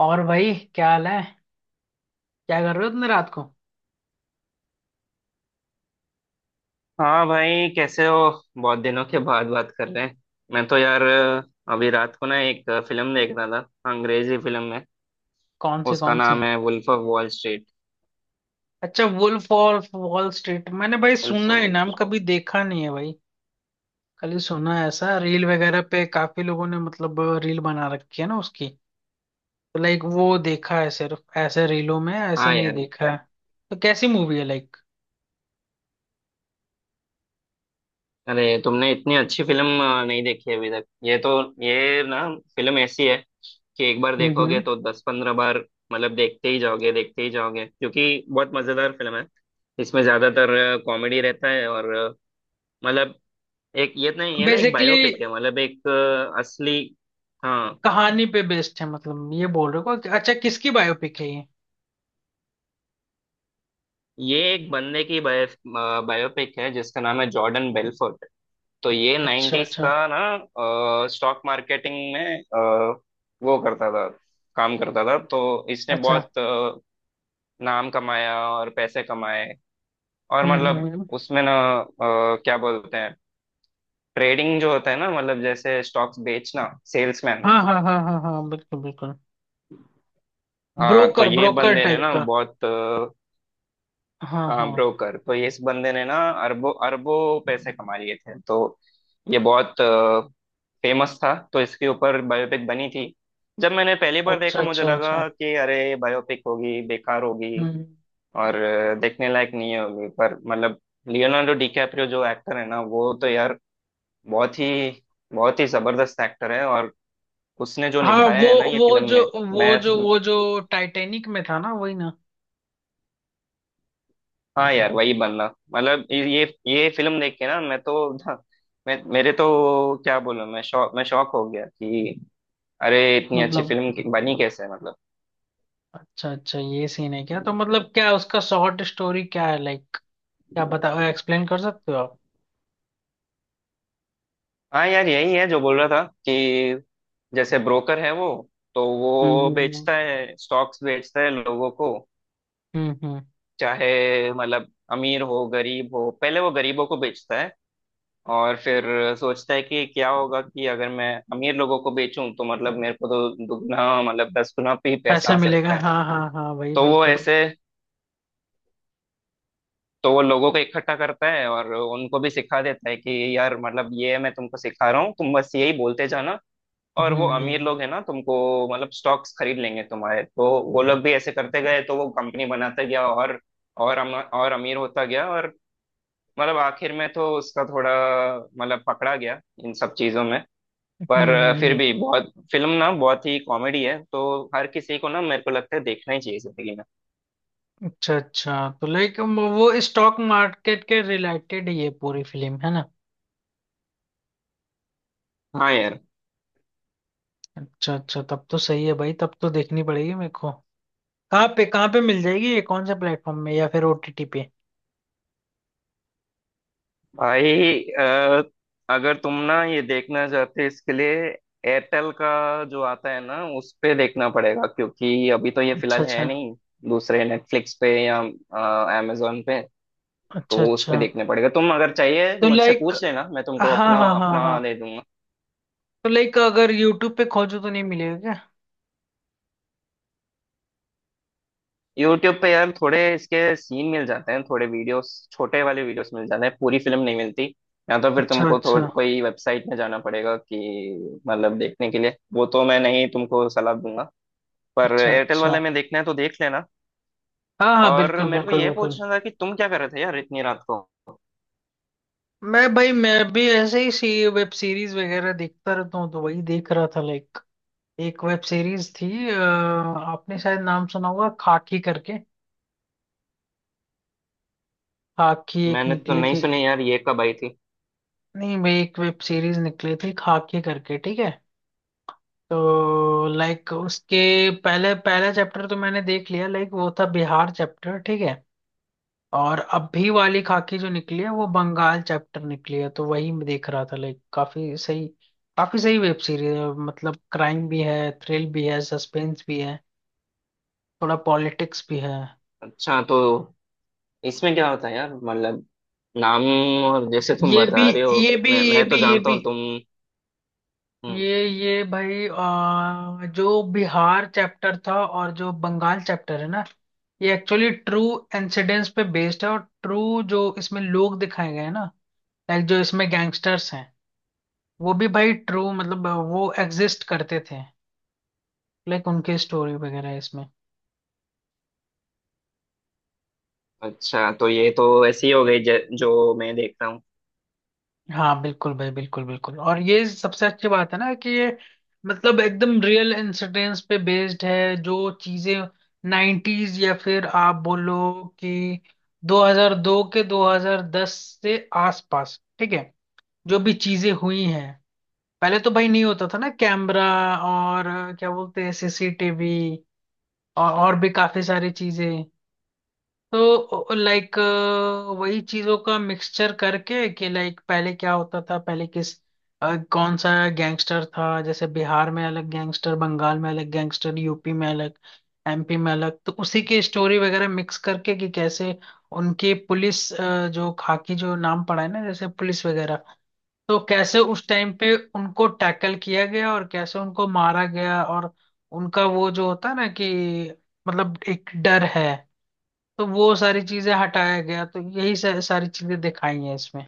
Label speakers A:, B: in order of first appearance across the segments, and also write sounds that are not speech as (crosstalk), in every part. A: और भाई क्या हाल है। क्या कर रहे हो इतने रात को।
B: हाँ भाई कैसे हो। बहुत दिनों के बाद बात कर रहे हैं। मैं तो यार अभी रात को ना एक फिल्म देख रहा था, अंग्रेजी फिल्म है।
A: कौन सी
B: उसका
A: कौन सी?
B: नाम है वुल्फ ऑफ वॉल स्ट्रीट।
A: अच्छा, वुल्फ ऑफ वॉल स्ट्रीट, मैंने भाई
B: वुल्फ
A: सुना
B: ऑफ
A: है
B: वॉल
A: नाम,
B: स्ट्रीट।
A: कभी देखा नहीं है भाई। खाली सुना है, ऐसा रील वगैरह पे काफी लोगों ने मतलब रील बना रखी है ना उसकी। तो लाइक वो देखा है सिर्फ ऐसे रीलों में, ऐसे
B: हाँ
A: नहीं
B: यार,
A: देखा है। तो कैसी मूवी है लाइक?
B: अरे तुमने इतनी अच्छी फिल्म नहीं देखी अभी तक? ये तो, ये ना, फिल्म ऐसी है कि एक बार देखोगे
A: हम्म।
B: तो 10 15 बार मतलब देखते ही जाओगे, देखते ही जाओगे क्योंकि बहुत मजेदार फिल्म है। इसमें ज्यादातर कॉमेडी रहता है और मतलब एक ये तो नहीं, ये ना एक
A: बेसिकली
B: बायोपिक है, मतलब एक असली। हाँ,
A: कहानी पे बेस्ड है, मतलब ये बोल रहे हो। अच्छा, किसकी बायोपिक है ये?
B: ये एक बंदे की बायोपिक है जिसका नाम है जॉर्डन बेलफोर्ट। तो ये
A: अच्छा
B: नाइन्टीज
A: अच्छा
B: का ना स्टॉक मार्केटिंग में वो करता था, काम करता था। तो इसने
A: अच्छा।
B: बहुत नाम कमाया और पैसे कमाए और
A: हम्म हम्म
B: मतलब
A: हम्म।
B: उसमें ना अ, क्या बोलते हैं, ट्रेडिंग जो होता है ना, मतलब जैसे स्टॉक्स बेचना, सेल्समैन।
A: हाँ हाँ हाँ हाँ हाँ, बिल्कुल बिल्कुल।
B: हाँ तो
A: ब्रोकर,
B: ये
A: ब्रोकर
B: बंदे ने
A: टाइप
B: ना
A: का।
B: बहुत,
A: हाँ
B: हाँ
A: हाँ।
B: ब्रोकर, तो ये इस बंदे ने ना अरबों अरबों पैसे कमा लिए थे। तो ये बहुत फेमस था तो इसके ऊपर बायोपिक बनी थी। जब मैंने पहली बार
A: अच्छा
B: देखा मुझे
A: अच्छा
B: लगा
A: अच्छा।
B: कि अरे बायोपिक होगी, बेकार होगी
A: हम्म।
B: और देखने लायक नहीं होगी, पर मतलब लियोनार्डो डिकैप्रियो जो एक्टर है ना, वो तो यार बहुत ही, बहुत ही जबरदस्त एक्टर है। और उसने जो
A: हाँ
B: निभाया
A: वो,
B: है ना ये
A: वो
B: फिल्म
A: जो
B: में, मैं,
A: वो जो टाइटैनिक में था ना, वही ना?
B: हाँ यार वही बनना, मतलब ये ये फिल्म देख के ना, मैं तो (laughs) मैं मेरे तो क्या बोलूं, मैं शौक, मैं शौक हो गया कि अरे इतनी अच्छी
A: मतलब
B: फिल्म बनी कैसे, मतलब।
A: अच्छा अच्छा, ये सीन है क्या, तो मतलब क्या उसका शॉर्ट स्टोरी क्या है लाइक? क्या बता, एक्सप्लेन कर सकते हो आप?
B: हाँ यार, यही है जो बोल रहा था कि जैसे ब्रोकर है वो, तो वो
A: हम्म।
B: बेचता है, स्टॉक्स बेचता है लोगों को।
A: हम्म हम्म, हम्म।
B: चाहे मतलब अमीर हो गरीब हो, पहले वो गरीबों को बेचता है और फिर सोचता है कि क्या होगा कि अगर मैं अमीर लोगों को बेचूं तो मतलब मेरे को तो दुगना, मतलब दस गुना भी पैसा
A: पैसा
B: आ
A: मिलेगा,
B: सकता है।
A: हाँ हाँ हाँ, वही
B: तो वो
A: बिल्कुल।
B: ऐसे, तो वो लोगों को इकट्ठा करता है और उनको भी सिखा देता है कि यार मतलब ये मैं तुमको सिखा रहा हूँ, तुम बस यही बोलते जाना
A: हम्म
B: और वो अमीर
A: हम्म
B: लोग हैं ना तुमको मतलब स्टॉक्स खरीद लेंगे तुम्हारे। तो वो लोग भी ऐसे करते गए, तो वो कंपनी बनाता गया और और अमीर होता गया और मतलब आखिर में तो उसका थोड़ा, मतलब पकड़ा गया इन सब चीजों में। पर
A: हम्म, हम्म, हम्म,
B: फिर
A: हम्म।
B: भी बहुत, फिल्म ना बहुत ही कॉमेडी है तो हर किसी को ना मेरे को लगता है देखना ही चाहिए जिंदगी में।
A: अच्छा अच्छा, तो लाइक वो स्टॉक मार्केट के रिलेटेड ये पूरी फिल्म है ना?
B: हाँ यार,
A: अच्छा अच्छा, तब तो सही है भाई, तब तो देखनी पड़ेगी मेरे को। कहाँ पे मिल जाएगी ये, कौन से प्लेटफॉर्म में या फिर ओटीटी पे?
B: भाई अगर तुम ना ये देखना चाहते हो, इसके लिए एयरटेल का जो आता है ना उस पे देखना पड़ेगा क्योंकि अभी तो ये
A: अच्छा
B: फिलहाल
A: अच्छा।
B: है नहीं दूसरे नेटफ्लिक्स पे या अमेजोन पे। तो
A: अच्छा
B: उस पे
A: अच्छा,
B: देखने पड़ेगा। तुम अगर चाहिए
A: तो
B: मुझसे
A: लाइक,
B: पूछ लेना, मैं तुमको
A: हाँ
B: अपना
A: हाँ हाँ हाँ,
B: अपना दे दूंगा।
A: तो लाइक अगर यूट्यूब पे खोजो तो नहीं मिलेगा क्या?
B: यूट्यूब पे यार थोड़े इसके सीन मिल जाते हैं, थोड़े वीडियोस, छोटे वाले वीडियोस मिल जाते हैं, पूरी फिल्म नहीं मिलती। या तो फिर
A: अच्छा
B: तुमको थोड़
A: अच्छा।
B: कोई वेबसाइट में जाना पड़ेगा कि मतलब देखने के लिए, वो तो मैं नहीं तुमको सलाह दूंगा। पर
A: अच्छा
B: एयरटेल
A: अच्छा।
B: वाले में देखना है तो देख लेना।
A: हाँ हाँ,
B: और
A: बिल्कुल
B: मेरे को
A: बिल्कुल
B: ये
A: बिल्कुल।
B: पूछना था कि तुम क्या कर रहे थे यार इतनी रात को।
A: मैं भाई, मैं भी ऐसे ही सी वेब सीरीज वगैरह देखता रहता हूँ, तो वही देख रहा था लाइक। एक वेब सीरीज थी आपने शायद नाम सुना होगा, खाकी करके। खाकी एक
B: मैंने तो
A: निकली
B: नहीं
A: थी।
B: सुनी यार, ये कब आई थी?
A: नहीं भाई, एक वेब सीरीज निकली थी खाके करके, ठीक है। तो लाइक उसके पहले, पहला चैप्टर तो मैंने देख लिया, लाइक वो था बिहार चैप्टर, ठीक है। और अभी वाली खाकी जो निकली है, वो बंगाल चैप्टर निकली है, तो वही मैं देख रहा था लाइक। काफी सही, काफी सही वेब सीरीज है, मतलब क्राइम भी है, थ्रिल भी है, सस्पेंस भी है, थोड़ा पॉलिटिक्स भी है।
B: अच्छा तो इसमें क्या होता है यार, मतलब नाम, और जैसे तुम
A: ये भी
B: बता रहे हो,
A: ये भी
B: मैं
A: ये
B: मैं तो
A: भी ये
B: जानता
A: भी।
B: हूँ तुम। हम्म,
A: ये भाई जो बिहार चैप्टर था और जो बंगाल चैप्टर है ना, ये एक्चुअली ट्रू इंसिडेंट्स पे बेस्ड है। और ट्रू, जो इसमें लोग दिखाए गए हैं ना, लाइक जो इसमें गैंगस्टर्स हैं, वो भी भाई ट्रू, मतलब वो एग्जिस्ट करते थे, लाइक उनकी स्टोरी वगैरह है इसमें।
B: अच्छा तो ये तो ऐसी हो गई जो मैं देख रहा हूँ।
A: हाँ बिल्कुल भाई, बिल्कुल बिल्कुल। और ये सबसे अच्छी बात है ना कि ये मतलब एकदम रियल इंसिडेंट्स पे बेस्ड है। जो चीजें 90s या फिर आप बोलो कि 2002 के 2010 से आसपास, ठीक है, जो भी चीजें हुई हैं, पहले तो भाई नहीं होता था ना कैमरा और क्या बोलते हैं, सीसीटीवी और भी काफी सारी चीजें। तो लाइक वही चीजों का मिक्सचर करके कि लाइक पहले क्या होता था, पहले किस कौन सा गैंगस्टर था, जैसे बिहार में अलग गैंगस्टर, बंगाल में अलग गैंगस्टर, यूपी में अलग, एमपी में अलग, तो उसी की स्टोरी वगैरह मिक्स करके कि कैसे उनकी पुलिस जो खाकी जो नाम पड़ा है ना जैसे पुलिस वगैरह, तो कैसे उस टाइम पे उनको टैकल किया गया, और कैसे उनको मारा गया, और उनका वो जो होता है ना कि मतलब एक डर है, तो वो सारी चीजें हटाया गया। तो यही सारी चीजें दिखाई हैं इसमें,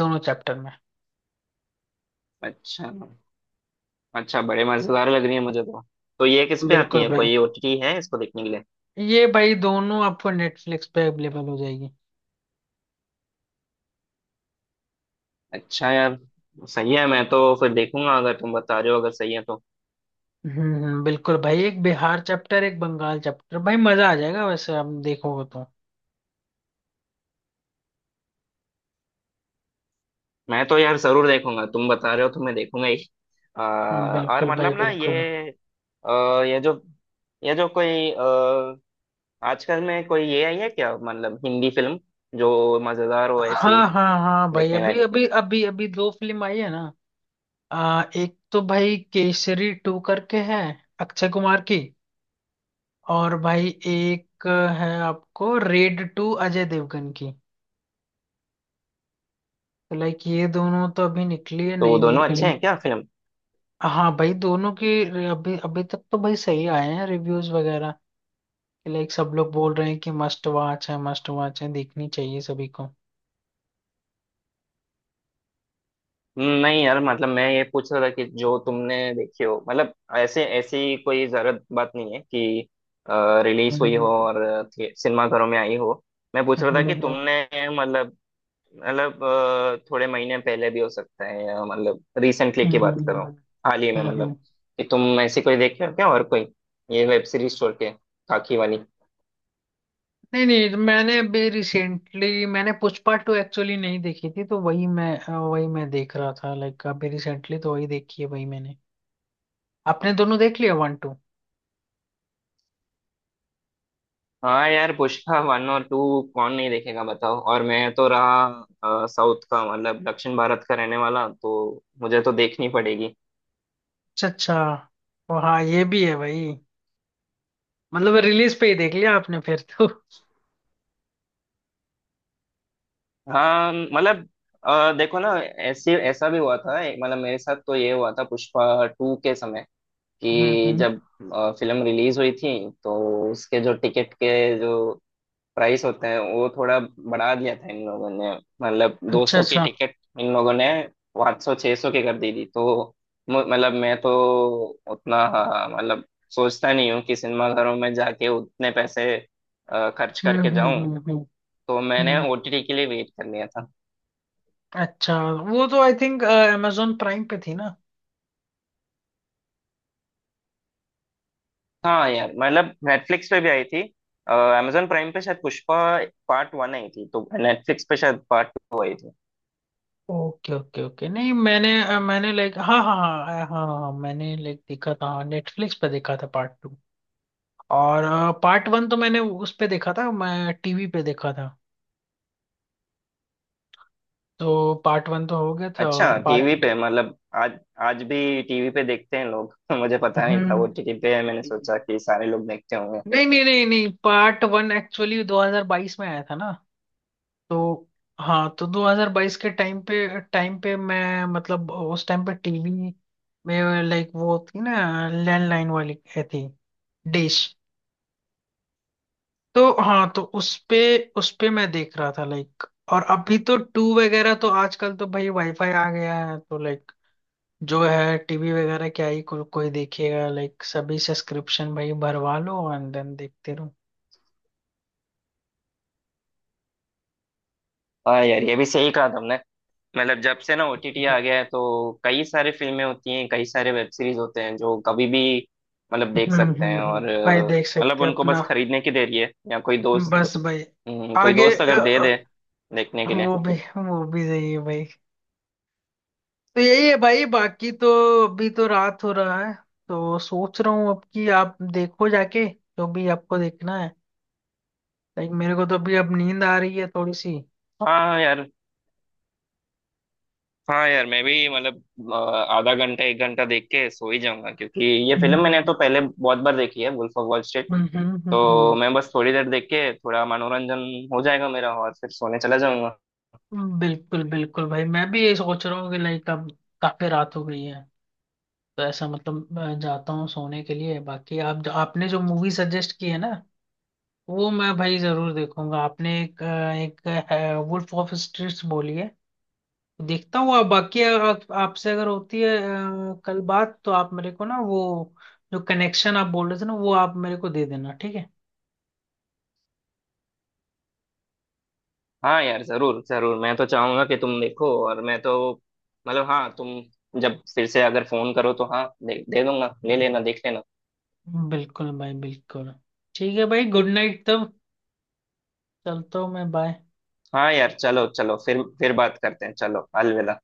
A: दोनों चैप्टर में।
B: अच्छा अच्छा, बड़े मजेदार लग रही है मुझे तो। तो ये किस पे आती
A: बिल्कुल
B: है,
A: भाई,
B: कोई ओटीटी है इसको देखने के लिए?
A: ये भाई दोनों आपको नेटफ्लिक्स पे अवेलेबल हो जाएगी।
B: अच्छा यार, सही है, मैं तो फिर देखूंगा अगर तुम बता रहे हो, अगर सही है तो।
A: बिल्कुल भाई, एक बिहार चैप्टर, एक बंगाल चैप्टर, भाई मजा आ जाएगा वैसे हम देखोगे तो।
B: मैं तो यार जरूर देखूंगा, तुम बता रहे हो तो मैं देखूंगा ही। आ, और
A: बिल्कुल भाई
B: मतलब ना ये
A: बिल्कुल।
B: ये जो, ये जो कोई आजकल में कोई ये आई है क्या, मतलब हिंदी फिल्म जो मजेदार हो ऐसी,
A: हाँ हाँ हाँ भाई,
B: देखने
A: अभी
B: लायक?
A: अभी अभी अभी दो फिल्म आई है ना। एक तो भाई केसरी टू करके है, अक्षय कुमार की, और भाई एक है आपको रेड टू, अजय देवगन की। तो लाइक ये दोनों तो अभी निकली है,
B: तो वो
A: नई नई
B: दोनों अच्छे
A: फिल्म।
B: हैं क्या फिल्म?
A: हाँ भाई, दोनों की अभी अभी तक तो भाई सही आए हैं रिव्यूज वगैरह, लाइक सब लोग बोल रहे हैं कि मस्ट वॉच है मस्ट वॉच है, देखनी चाहिए सभी को।
B: नहीं यार, मतलब मैं ये पूछ रहा था कि जो तुमने देखी हो, मतलब ऐसे ऐसी कोई जरूरत बात नहीं है कि रिलीज हुई हो
A: हम्म
B: और सिनेमाघरों में आई हो। मैं पूछ रहा था कि
A: हम्म
B: तुमने मतलब, मतलब थोड़े महीने पहले भी हो सकता है या मतलब रिसेंटली की
A: हम्म
B: बात करो, हाल ही में
A: हम्म।
B: मतलब, कि तुम ऐसी कोई देखे हो क्या और कोई, ये वेब सीरीज छोड़ के, काकी वाली।
A: नहीं नहीं, तो मैंने अभी रिसेंटली मैंने पुष्पा टू एक्चुअली नहीं देखी थी, तो वही मैं वही मैं देख रहा था लाइक। अभी रिसेंटली तो वही देखी है, वही मैंने। आपने दोनों देख लिया, वन टू?
B: हाँ यार पुष्पा वन और टू कौन नहीं देखेगा बताओ। और मैं तो रहा साउथ का, मतलब दक्षिण भारत का रहने वाला, तो मुझे तो देखनी पड़ेगी।
A: अच्छा अच्छा, ओ हाँ, ये भी है भाई, मतलब रिलीज पे ही देख लिया आपने फिर तो।
B: हाँ मतलब देखो ना, ऐसे ऐसा भी हुआ था मतलब मेरे साथ तो ये हुआ था पुष्पा टू के समय कि
A: हम्म।
B: जब फिल्म रिलीज हुई थी, तो उसके जो टिकट के जो प्राइस होते हैं वो थोड़ा बढ़ा दिया था इन लोगों ने, मतलब
A: अच्छा
B: 200 की
A: अच्छा।
B: टिकट इन लोगों ने 500 600 की कर दी थी। तो मतलब मैं तो उतना, हाँ, मतलब सोचता नहीं हूँ कि सिनेमाघरों में जाके उतने पैसे खर्च
A: हम्म
B: करके
A: हम्म
B: जाऊं।
A: हम्म हम्म
B: तो मैंने
A: हम्म।
B: ओटीटी के लिए वेट कर लिया था।
A: अच्छा वो तो आई थिंक amazon प्राइम पे थी ना।
B: हाँ यार, मतलब नेटफ्लिक्स पे भी आई थी, अमेजोन प्राइम पे शायद पुष्पा पार्ट वन आई थी, तो नेटफ्लिक्स पे शायद पार्ट टू आई थी।
A: ओके ओके ओके, नहीं मैंने मैंने लाइक, हाँ हाँ हाँ हाँ हाँ, मैंने लाइक देखा था, नेटफ्लिक्स पे देखा था पार्ट टू। और पार्ट वन तो मैंने उस पे देखा था, मैं टीवी पे देखा था। तो पार्ट वन तो हो गया था, और
B: अच्छा टीवी
A: पार्ट,
B: पे, मतलब आज, आज भी टीवी पे देखते हैं लोग? (laughs) मुझे पता नहीं था वो
A: हम्म,
B: टीवी पे है, मैंने सोचा कि सारे लोग देखते होंगे।
A: नहीं नहीं नहीं नहीं, पार्ट वन एक्चुअली 2022 में आया था ना। तो हाँ, तो 2022 के टाइम पे, टाइम पे मैं, मतलब उस टाइम पे टीवी में, लाइक वो थी ना लैंडलाइन वाली ये थी, डिश, तो हाँ, तो उस पे, उस पे मैं देख रहा था लाइक। और अभी तो टू वगैरह तो, आजकल तो भाई वाईफाई आ गया है तो लाइक, जो है टीवी वगैरह क्या ही कोई देखेगा लाइक, सभी सब्सक्रिप्शन भाई भरवा लो एंड देन देखते रहो।
B: हाँ यार, ये भी सही कहा तुमने। मतलब जब से ना ओटीटी
A: हम्म
B: आ गया है तो कई सारे फिल्में होती हैं, कई सारे वेब सीरीज होते हैं जो कभी भी मतलब देख सकते हैं और
A: भाई देख
B: मतलब
A: सकते हैं
B: उनको बस
A: अपना,
B: खरीदने की देरी है या कोई दोस्त,
A: बस भाई।
B: कोई
A: आगे
B: दोस्त अगर दे दे देखने के लिए।
A: वो भी, वो भी सही है भाई। तो यही है भाई, बाकी तो अभी तो रात हो रहा है, तो सोच रहा हूँ अब कि आप देखो जाके जो भी आपको देखना है, लाइक मेरे को तो अभी अब नींद आ रही है थोड़ी सी।
B: हाँ यार, हाँ यार मैं भी मतलब अ, आधा घंटा 1 घंटा देख के सो ही जाऊंगा क्योंकि ये फिल्म
A: हम्म
B: मैंने तो पहले बहुत बार देखी है, वुल्फ ऑफ वॉल स्ट्रीट।
A: हम्म हम्म हम्म,
B: तो
A: हम्म।
B: मैं बस थोड़ी देर देख के थोड़ा मनोरंजन हो जाएगा मेरा और फिर सोने चला जाऊंगा।
A: बिल्कुल बिल्कुल भाई, मैं भी ये सोच रहा हूँ कि लाइक अब काफी रात हो गई है, तो ऐसा मतलब मैं जाता हूँ सोने के लिए। बाकी आप जो, आपने जो मूवी सजेस्ट की है ना, वो मैं भाई जरूर देखूंगा। आपने एक एक वुल्फ ऑफ स्ट्रीट्स बोली है, देखता हूँ। आप बाकी अगर आपसे अगर होती है कल बात, तो आप मेरे को ना वो जो कनेक्शन आप बोल रहे थे ना, वो आप मेरे को दे देना, ठीक है।
B: हाँ यार जरूर जरूर, मैं तो चाहूंगा कि तुम देखो, और मैं तो, मतलब हाँ तुम जब फिर से अगर फोन करो तो हाँ दे दूंगा, ले लेना, देख लेना।
A: बिल्कुल भाई बिल्कुल। ठीक है भाई, गुड नाइट तब। चलता हूँ मैं, बाय।
B: हाँ यार, चलो चलो, फिर बात करते हैं, चलो अलविदा।